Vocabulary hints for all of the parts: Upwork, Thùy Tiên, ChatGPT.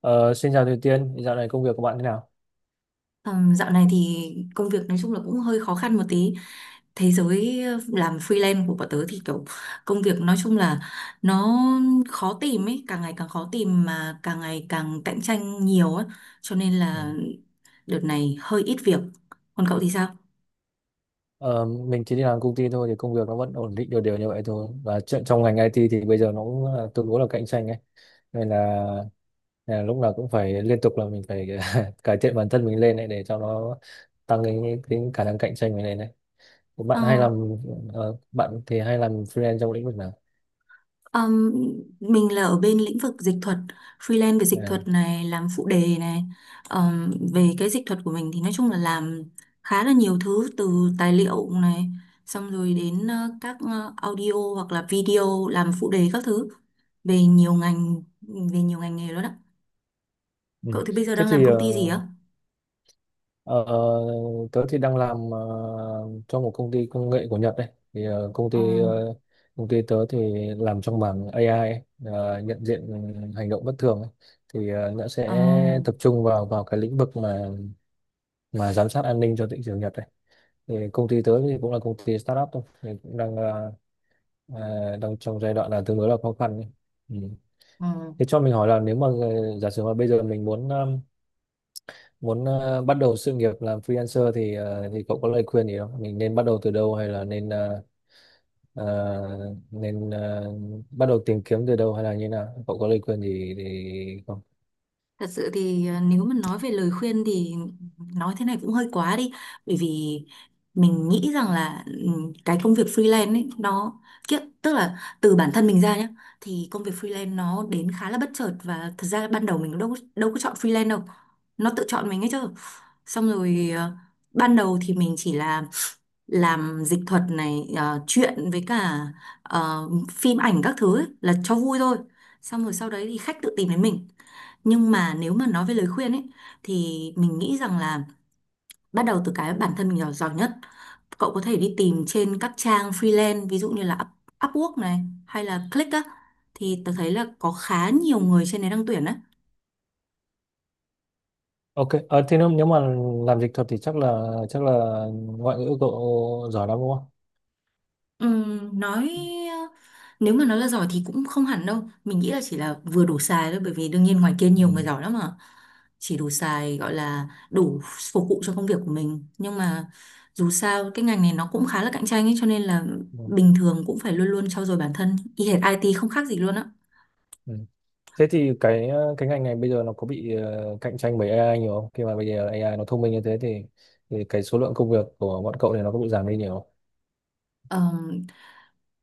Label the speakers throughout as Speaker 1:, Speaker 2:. Speaker 1: Ờ, Xin chào Thùy Tiên, dạo này công việc của bạn thế nào?
Speaker 2: Dạo này thì công việc nói chung là cũng hơi khó khăn một tí. Thế giới làm freelance của bọn tớ thì kiểu công việc nói chung là nó khó tìm ấy, càng ngày càng khó tìm mà càng ngày càng cạnh tranh nhiều ấy. Cho nên
Speaker 1: Ừ.
Speaker 2: là đợt này hơi ít việc. Còn cậu thì sao?
Speaker 1: Ờ, mình chỉ đi làm công ty thôi thì công việc nó vẫn ổn định đều đều như vậy thôi, và chuyện trong ngành IT thì bây giờ nó cũng tương đối là cạnh tranh ấy, nên là, lúc nào cũng phải liên tục là mình phải cải thiện bản thân mình lên ấy, để cho nó tăng cái khả năng cạnh tranh mình lên đấy.
Speaker 2: Ờ.
Speaker 1: Bạn hay làm Bạn thì hay làm freelance trong lĩnh vực nào?
Speaker 2: Ừm, mình là ở bên lĩnh vực dịch thuật, freelance về dịch
Speaker 1: À,
Speaker 2: thuật này, làm phụ đề này. Về cái dịch thuật của mình thì nói chung là làm khá là nhiều thứ từ tài liệu này, xong rồi đến các audio hoặc là video làm phụ đề các thứ về nhiều ngành nghề đó đó.
Speaker 1: ừ.
Speaker 2: Cậu thì bây giờ
Speaker 1: Thế
Speaker 2: đang làm
Speaker 1: thì ờ,
Speaker 2: công ty gì á?
Speaker 1: Ờ, Tớ thì đang làm cho một công ty công nghệ của Nhật đấy. Thì ờ, công
Speaker 2: Ờ,
Speaker 1: ty ờ, Công ty tớ thì làm trong mảng AI ấy, nhận diện hành động bất thường ấy. Nó
Speaker 2: ờ,
Speaker 1: sẽ tập trung vào vào cái lĩnh vực mà giám sát an ninh cho thị trường Nhật đấy. Thì công ty tớ thì cũng là công ty startup thôi, thì cũng đang ờ, ờ, đang trong giai đoạn là tương đối là khó khăn ấy. Ừ.
Speaker 2: ờ.
Speaker 1: Thế cho mình hỏi là nếu mà giả sử mà bây giờ mình muốn bắt đầu sự nghiệp làm freelancer thì cậu có lời khuyên gì không? Mình nên bắt đầu từ đâu, hay là nên ờ, ờ, nên ờ, bắt đầu tìm kiếm từ đâu, hay là như nào? Cậu có lời khuyên gì thì không?
Speaker 2: Thật sự thì nếu mà nói về lời khuyên thì nói thế này cũng hơi quá đi, bởi vì mình nghĩ rằng là cái công việc freelance ấy nó kiếp tức là từ bản thân mình ra nhé. Thì công việc freelance nó đến khá là bất chợt, và thật ra ban đầu mình đâu đâu có chọn freelance đâu, nó tự chọn mình ấy chứ. Xong rồi ban đầu thì mình chỉ là làm dịch thuật này, chuyện với cả phim ảnh các thứ ấy, là cho vui thôi. Xong rồi sau đấy thì khách tự tìm đến mình. Nhưng mà nếu mà nói về lời khuyên ấy, thì mình nghĩ rằng là bắt đầu từ cái bản thân mình giỏi giỏi nhất. Cậu có thể đi tìm trên các trang freelance ví dụ như là Upwork này hay là Click á, thì tớ thấy là có khá nhiều người trên đấy đang tuyển đấy.
Speaker 1: Ok, thế nếu mà làm dịch thuật thì chắc là ngoại ngữ cậu giỏi lắm đúng không?
Speaker 2: Nói Nếu mà nói là giỏi thì cũng không hẳn đâu, mình nghĩ là chỉ là vừa đủ xài thôi, bởi vì đương nhiên ngoài kia
Speaker 1: Ừ.
Speaker 2: nhiều người giỏi lắm mà. Chỉ đủ xài, gọi là đủ phục vụ cho công việc của mình, nhưng mà dù sao cái ngành này nó cũng khá là cạnh tranh ấy, cho nên là
Speaker 1: Ừ.
Speaker 2: bình thường cũng phải luôn luôn trau dồi bản thân, y hệt IT không khác gì luôn á.
Speaker 1: Ừ. Thế thì cái ngành này bây giờ nó có bị cạnh tranh bởi AI nhiều không? Khi mà bây giờ AI nó thông minh như thế thì cái số lượng công việc của bọn cậu này nó có bị giảm đi nhiều không?
Speaker 2: Ờ,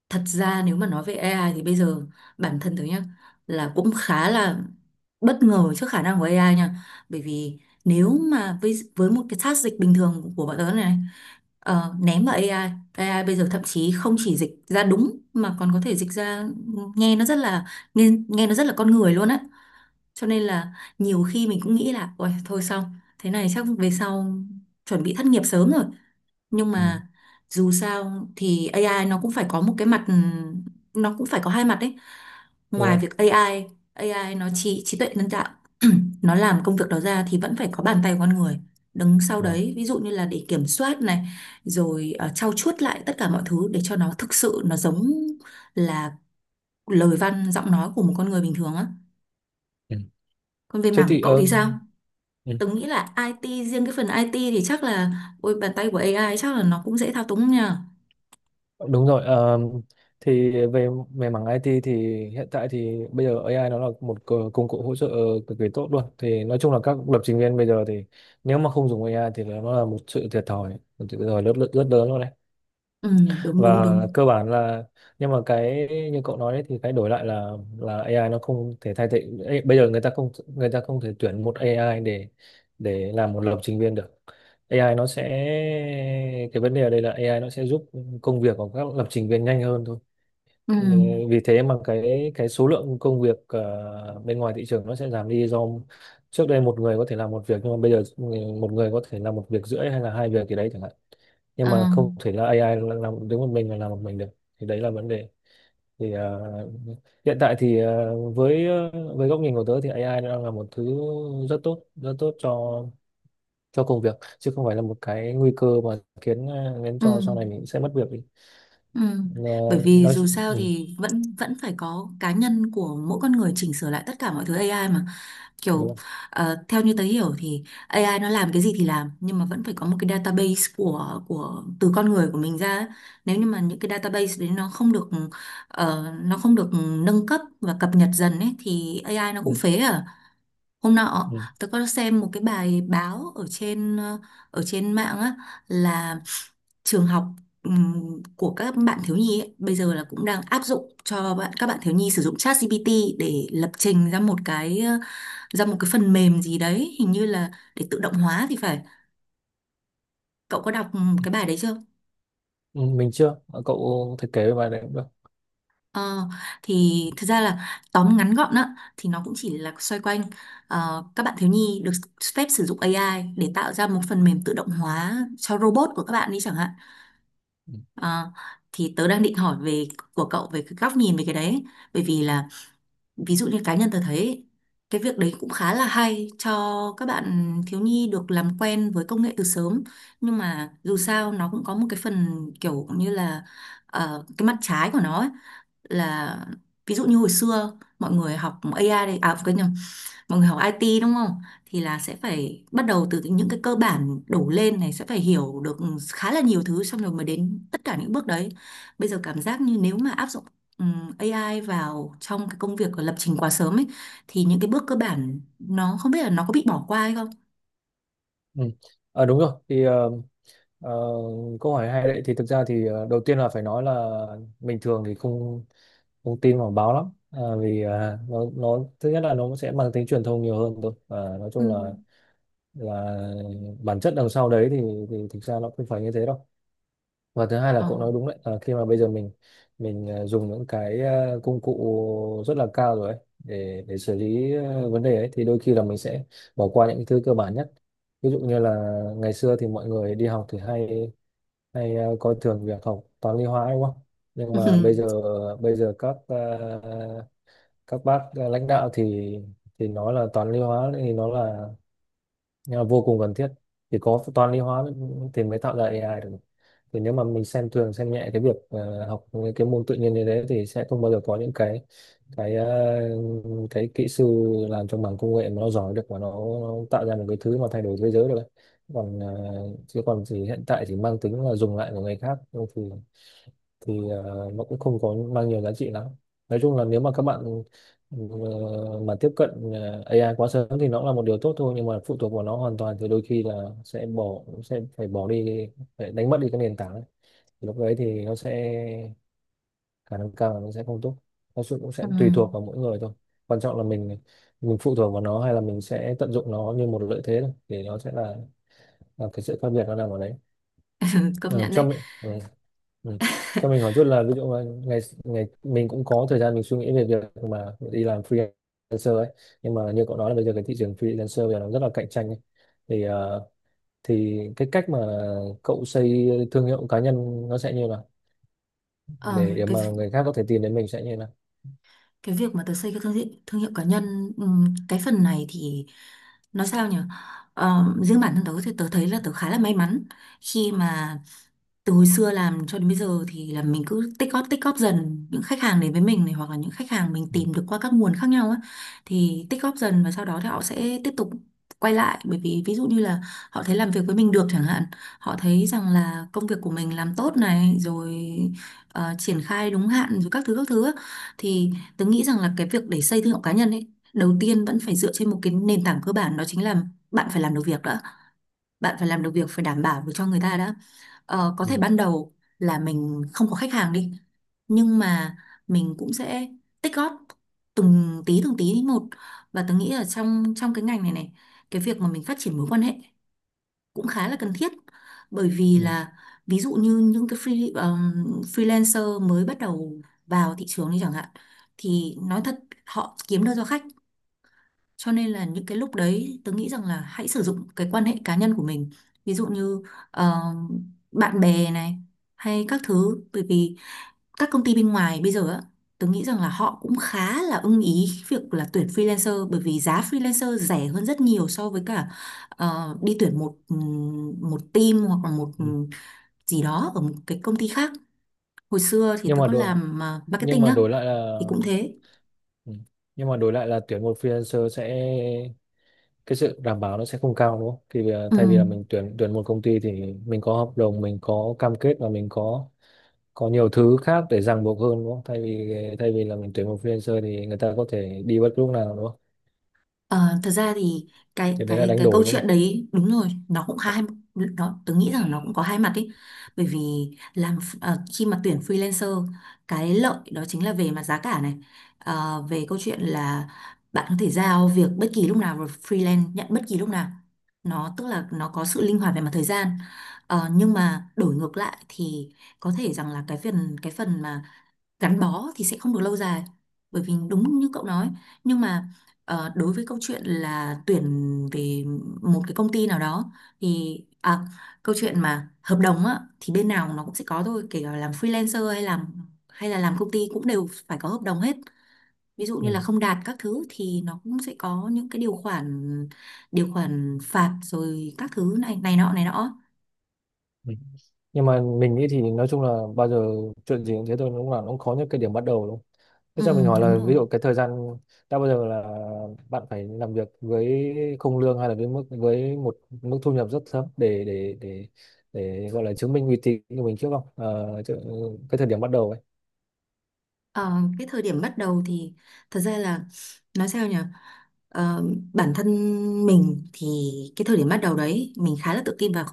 Speaker 2: thật ra nếu mà nói về AI thì bây giờ bản thân tớ nhá là cũng khá là bất ngờ trước khả năng của AI nha. Bởi vì nếu mà với một cái task dịch bình thường của bọn tớ này, ném vào AI. AI bây giờ thậm chí không chỉ dịch ra đúng mà còn có thể dịch ra nghe nó rất là nghe nó rất là con người luôn á. Cho nên là nhiều khi mình cũng nghĩ là ôi thôi xong, thế này chắc về sau chuẩn bị thất nghiệp sớm rồi. Nhưng
Speaker 1: Ừ.
Speaker 2: mà dù sao thì AI nó cũng phải có một cái mặt, nó cũng phải có hai mặt đấy.
Speaker 1: Đúng
Speaker 2: Ngoài
Speaker 1: không?
Speaker 2: việc AI, AI nó trí trí tuệ nhân tạo, nó làm công việc đó ra thì vẫn phải có bàn tay của con người đứng sau
Speaker 1: Rồi.
Speaker 2: đấy, ví dụ như là để kiểm soát này, rồi trau chuốt lại tất cả mọi thứ để cho nó thực sự nó giống là lời văn giọng nói của một con người bình thường á. Còn về
Speaker 1: Thế
Speaker 2: mảng của
Speaker 1: thì
Speaker 2: cậu thì
Speaker 1: ờ,
Speaker 2: sao?
Speaker 1: ừ,
Speaker 2: Tớ nghĩ là IT, riêng cái phần IT thì chắc là ôi, bàn tay của AI chắc là nó cũng dễ thao túng nhỉ.
Speaker 1: Đúng rồi, thì về về mảng IT thì hiện tại thì bây giờ AI nó là một công cụ hỗ trợ cực kỳ tốt luôn, thì nói chung là các lập trình viên bây giờ thì nếu mà không dùng AI thì nó là một sự thiệt thòi rất rất, rất lớn luôn đấy.
Speaker 2: Ừ, đúng đúng
Speaker 1: Và
Speaker 2: đúng.
Speaker 1: cơ bản là Nhưng mà cái như cậu nói đấy, thì cái đổi lại là AI nó không thể thay thế. Ê, bây giờ người ta không thể tuyển một AI để làm một lập trình viên được. AI nó sẽ, cái vấn đề ở đây là AI nó sẽ giúp công việc của các lập trình viên nhanh hơn thôi.
Speaker 2: Ừ,
Speaker 1: Ừ, vì thế mà cái số lượng công việc bên ngoài thị trường nó sẽ giảm đi, do trước đây một người có thể làm một việc, nhưng mà bây giờ một người có thể làm một việc rưỡi hay là hai việc gì đấy chẳng hạn. Nhưng mà
Speaker 2: à,
Speaker 1: không thể là AI làm đứng một mình mà làm một mình được, thì đấy là vấn đề. Thì hiện tại thì với góc nhìn của tớ thì AI nó đang là một thứ rất tốt, rất tốt cho, công việc, chứ không phải là một cái nguy cơ mà khiến cho sau
Speaker 2: ừ,
Speaker 1: này mình sẽ mất việc đi.
Speaker 2: ừ.
Speaker 1: Ờ,
Speaker 2: Bởi vì
Speaker 1: nói
Speaker 2: dù sao
Speaker 1: ừ,
Speaker 2: thì vẫn vẫn phải có cá nhân của mỗi con người chỉnh sửa lại tất cả mọi thứ AI mà, kiểu
Speaker 1: Đúng không?
Speaker 2: theo như tớ hiểu thì AI nó làm cái gì thì làm, nhưng mà vẫn phải có một cái database của từ con người của mình ra ấy. Nếu như mà những cái database đấy nó không được nâng cấp và cập nhật dần ấy thì AI nó cũng
Speaker 1: Ừ,
Speaker 2: phế à. Hôm
Speaker 1: ừ.
Speaker 2: nọ
Speaker 1: Ừ.
Speaker 2: tôi có xem một cái bài báo ở trên ở trên mạng á, là trường học, của các bạn thiếu nhi ấy, bây giờ là cũng đang áp dụng cho các bạn thiếu nhi sử dụng ChatGPT để lập trình ra một cái phần mềm gì đấy hình như là để tự động hóa thì phải. Cậu có đọc cái bài đấy chưa?
Speaker 1: Ừ, mình chưa. Ờ, Cậu thiết kế về bài này cũng được.
Speaker 2: Ờ, thì thật ra là tóm ngắn gọn á, thì nó cũng chỉ là xoay quanh các bạn thiếu nhi được phép sử dụng AI để tạo ra một phần mềm tự động hóa cho robot của các bạn đi chẳng hạn.
Speaker 1: Ừ.
Speaker 2: Ờ, thì tớ đang định hỏi của cậu về cái góc nhìn về cái đấy, bởi vì là ví dụ như cá nhân tớ thấy cái việc đấy cũng khá là hay cho các bạn thiếu nhi được làm quen với công nghệ từ sớm, nhưng mà dù sao nó cũng có một cái phần kiểu như là cái mặt trái của nó. Là ví dụ như hồi xưa mọi người học AI, đây à, quên nhầm, mọi người học IT đúng không, thì là sẽ phải bắt đầu từ những cái cơ bản đổ lên này, sẽ phải hiểu được khá là nhiều thứ xong rồi mới đến tất cả những bước đấy. Bây giờ cảm giác như nếu mà áp dụng AI vào trong cái công việc của lập trình quá sớm ấy, thì những cái bước cơ bản nó không biết là nó có bị bỏ qua hay không.
Speaker 1: Ừ. Đúng rồi thì ờ, câu hỏi hay đấy. Thì thực ra thì đầu tiên là phải nói là bình thường thì không không tin vào báo lắm. Ờ, Vì nó thứ nhất là nó sẽ mang tính truyền thông nhiều hơn thôi, và nói
Speaker 2: Ừ.
Speaker 1: chung là là bản chất đằng sau đấy thì thực ra nó không phải như thế đâu. Và thứ hai là
Speaker 2: Ờ.
Speaker 1: cậu nói đúng đấy. Ờ, Khi mà bây giờ mình dùng những cái công cụ rất là cao rồi ấy, để xử lý vấn đề ấy thì đôi khi là mình sẽ bỏ qua những cái thứ cơ bản nhất. Ví dụ như là ngày xưa thì mọi người đi học thì hay hay ờ, coi thường việc học toán lý hóa đúng không. Nhưng mà bây giờ các bác lãnh đạo thì nói là toán lý hóa thì nó là vô cùng cần thiết. Thì có toán lý hóa thì mới tạo ra AI được. Thì nếu mà mình xem thường xem nhẹ cái việc học những cái môn tự nhiên như thế thì sẽ không bao giờ có những cái ờ, cái kỹ sư làm trong mảng công nghệ mà nó giỏi được, và nó tạo ra một cái thứ mà thay đổi thế giới được ấy. còn ờ, Chứ còn thì hiện tại chỉ mang tính là dùng lại của người khác thôi, thì nó cũng không có mang nhiều giá trị lắm. Nói chung là nếu mà các bạn ờ, mà tiếp cận AI quá sớm thì nó là một điều tốt thôi, nhưng mà phụ thuộc vào nó hoàn toàn thì đôi khi là sẽ phải bỏ đi, phải đánh mất đi cái nền tảng ấy, lúc đấy thì nó sẽ khả năng cao là nó sẽ không tốt. Cũng sẽ
Speaker 2: Ừ.
Speaker 1: tùy thuộc vào mỗi người thôi, quan trọng là mình phụ thuộc vào nó hay là mình sẽ tận dụng nó như một lợi thế thôi, thì nó sẽ là, cái sự khác biệt nó nằm ở đấy.
Speaker 2: Công
Speaker 1: Ừ,
Speaker 2: nhận
Speaker 1: cho
Speaker 2: đấy.
Speaker 1: mình ừ, ừ. Cho mình hỏi chút là, ví dụ mà ngày ngày mình cũng có thời gian mình suy nghĩ về việc mà đi làm freelancer ấy, nhưng mà như cậu nói là bây giờ cái thị trường freelancer bây giờ nó rất là cạnh tranh ấy. Thì cái cách mà cậu xây thương hiệu cá nhân nó sẽ như nào,
Speaker 2: Ờ,
Speaker 1: để mà người khác có thể tìm đến mình sẽ như thế nào?
Speaker 2: cái việc mà tớ xây cái thương hiệu cá nhân, cái phần này thì nói sao nhỉ. Ờ, riêng bản thân tớ thì tớ thấy là tớ khá là may mắn, khi mà từ hồi xưa làm cho đến bây giờ thì là mình cứ tích góp dần những khách hàng đến với mình này, hoặc là những khách hàng mình
Speaker 1: Ừ.
Speaker 2: tìm được qua các nguồn khác nhau á. Thì tích góp dần và sau đó thì họ sẽ tiếp tục quay lại, bởi vì ví dụ như là họ thấy làm việc với mình được chẳng hạn, họ thấy rằng là công việc của mình làm tốt này rồi, triển khai đúng hạn rồi các thứ á. Thì tớ nghĩ rằng là cái việc để xây thương hiệu cá nhân ấy, đầu tiên vẫn phải dựa trên một cái nền tảng cơ bản, đó chính là bạn phải làm được việc đã. Bạn phải làm được việc, phải đảm bảo được cho người ta đã. Ờ, có
Speaker 1: Ừ.
Speaker 2: thể ban đầu là mình không có khách hàng đi, nhưng mà mình cũng sẽ tích góp từng tí một. Và tớ nghĩ là trong trong cái ngành này này, cái việc mà mình phát triển mối quan hệ cũng khá là cần thiết, bởi vì
Speaker 1: Ừ.
Speaker 2: là ví dụ như những cái freelancer mới bắt đầu vào thị trường đi chẳng hạn, thì nói thật họ kiếm đơn do khách, cho nên là những cái lúc đấy tớ nghĩ rằng là hãy sử dụng cái quan hệ cá nhân của mình, ví dụ như ờ, bạn bè này hay các thứ. Bởi vì các công ty bên ngoài bây giờ á, tớ nghĩ rằng là họ cũng khá là ưng ý việc là tuyển freelancer, bởi vì giá freelancer rẻ hơn rất nhiều so với cả đi tuyển một một team hoặc là một
Speaker 1: Ừ.
Speaker 2: gì đó ở một cái công ty khác. Hồi xưa thì
Speaker 1: nhưng
Speaker 2: tớ
Speaker 1: mà
Speaker 2: có
Speaker 1: đổi
Speaker 2: làm
Speaker 1: nhưng
Speaker 2: marketing
Speaker 1: mà
Speaker 2: á,
Speaker 1: đổi lại là.
Speaker 2: thì cũng thế.
Speaker 1: Ừ. Nhưng mà đổi lại là tuyển một freelancer sẽ, cái sự đảm bảo nó sẽ không cao đúng không? Thì bây giờ
Speaker 2: Ừ.
Speaker 1: thay vì là mình tuyển, một công ty thì mình có hợp đồng, mình có cam kết và mình có nhiều thứ khác để ràng buộc hơn đúng không, thay vì, là mình tuyển một freelancer thì người ta có thể đi bất cứ lúc nào đúng không?
Speaker 2: Ờ, thật ra thì
Speaker 1: Thì đấy là đánh
Speaker 2: cái câu
Speaker 1: đổi đúng
Speaker 2: chuyện
Speaker 1: không?
Speaker 2: đấy đúng rồi, nó cũng hai, tớ nghĩ rằng nó cũng có hai mặt ấy. Bởi vì khi mà tuyển freelancer, cái lợi đó chính là về mặt giá cả này. Ờ, về câu chuyện là bạn có thể giao việc bất kỳ lúc nào và freelance nhận bất kỳ lúc nào, nó tức là nó có sự linh hoạt về mặt thời gian. Ờ, nhưng mà đổi ngược lại thì có thể rằng là cái phần mà gắn bó thì sẽ không được lâu dài, bởi vì đúng như cậu nói. Nhưng mà đối với câu chuyện là tuyển về một cái công ty nào đó thì câu chuyện mà hợp đồng á, thì bên nào nó cũng sẽ có thôi, kể cả làm freelancer hay là làm công ty, cũng đều phải có hợp đồng hết. Ví dụ
Speaker 1: Ừ.
Speaker 2: như là không đạt các thứ thì nó cũng sẽ có những cái điều khoản phạt rồi các thứ này này nọ này nọ.
Speaker 1: Ừ. Nhưng mà mình nghĩ thì nói chung là bao giờ chuyện gì cũng thế thôi, đúng là nó cũng có những cái điểm bắt đầu đúng không? Thế
Speaker 2: Ừ,
Speaker 1: cho mình hỏi
Speaker 2: đúng
Speaker 1: là,
Speaker 2: rồi.
Speaker 1: ví dụ cái thời gian, đã bao giờ là bạn phải làm việc với không lương hay là với mức, một mức thu nhập rất thấp để gọi là chứng minh uy tín của mình trước không? Cái thời điểm bắt đầu ấy.
Speaker 2: Ờ, cái thời điểm bắt đầu thì thật ra là nói sao nhỉ. Ờ, bản thân mình thì cái thời điểm bắt đầu đấy mình khá là tự tin vào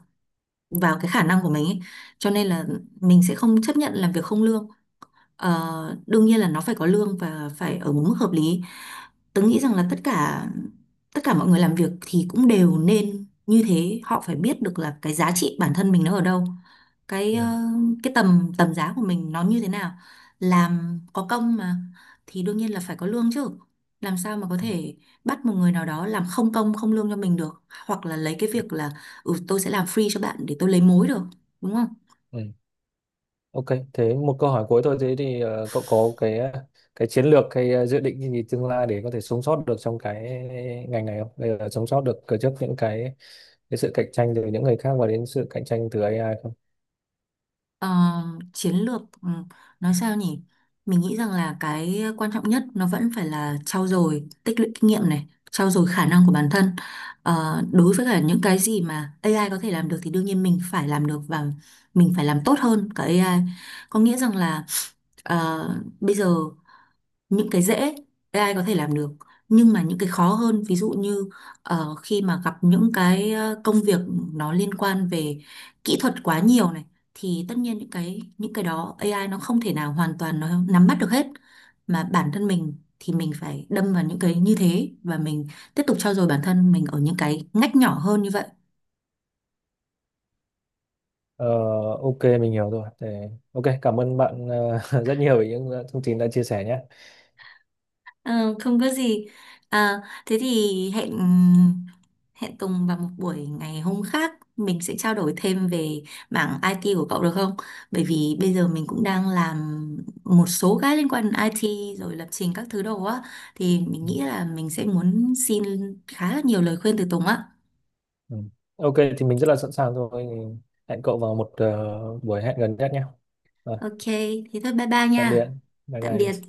Speaker 2: vào cái khả năng của mình ấy, cho nên là mình sẽ không chấp nhận làm việc không lương. Ờ, đương nhiên là nó phải có lương và phải ở một mức hợp lý. Tớ nghĩ rằng là tất cả mọi người làm việc thì cũng đều nên như thế, họ phải biết được là cái giá trị bản thân mình nó ở đâu, cái
Speaker 1: Ừ.
Speaker 2: ờ, cái tầm tầm giá của mình nó như thế nào. Làm có công mà, thì đương nhiên là phải có lương chứ. Làm sao mà có
Speaker 1: Ừ.
Speaker 2: thể bắt một người nào đó làm không công không lương cho mình được, hoặc là lấy cái việc là ừ tôi sẽ làm free cho bạn để tôi lấy mối được, đúng không?
Speaker 1: Ừ. Ok, thế một câu hỏi cuối thôi. Thế thì cậu có cái chiến lược, dự định gì tương lai để có thể sống sót được trong cái ngành này không? Bây giờ sống sót được trước những cái sự cạnh tranh từ những người khác và đến sự cạnh tranh từ AI không?
Speaker 2: Ờ, chiến lược nói sao nhỉ? Mình nghĩ rằng là cái quan trọng nhất nó vẫn phải là trau dồi tích lũy kinh nghiệm này, trau dồi khả năng của bản thân. Ờ, đối với cả những cái gì mà AI có thể làm được thì đương nhiên mình phải làm được và mình phải làm tốt hơn cả AI. Có nghĩa rằng là ờ, bây giờ những cái dễ AI có thể làm được, nhưng mà những cái khó hơn, ví dụ như khi mà gặp những cái công việc nó liên quan về kỹ thuật quá nhiều này, thì tất nhiên những cái đó AI nó không thể nào hoàn toàn nó nắm bắt được hết. Mà bản thân mình thì mình phải đâm vào những cái như thế, và mình tiếp tục trau dồi bản thân mình ở những cái ngách nhỏ hơn như vậy.
Speaker 1: Ờ, ok, mình hiểu rồi. Ok, cảm ơn bạn rất nhiều về những thông tin đã chia sẻ nhé.
Speaker 2: Ờ, không có gì. À, thế thì hẹn hẹn Tùng vào một buổi ngày hôm khác, mình sẽ trao đổi thêm về mảng IT của cậu được không? Bởi vì bây giờ mình cũng đang làm một số cái liên quan đến IT rồi lập trình các thứ đồ á, thì mình
Speaker 1: Ừ.
Speaker 2: nghĩ là mình sẽ muốn xin khá là nhiều lời khuyên từ Tùng á.
Speaker 1: Ừ. Ok, thì mình rất là sẵn sàng rồi. Hẹn cậu vào một buổi hẹn gần nhất nhé. Rồi,
Speaker 2: Ok, thế thôi bye bye
Speaker 1: tạm biệt.
Speaker 2: nha.
Speaker 1: Bye
Speaker 2: Tạm biệt.
Speaker 1: bye.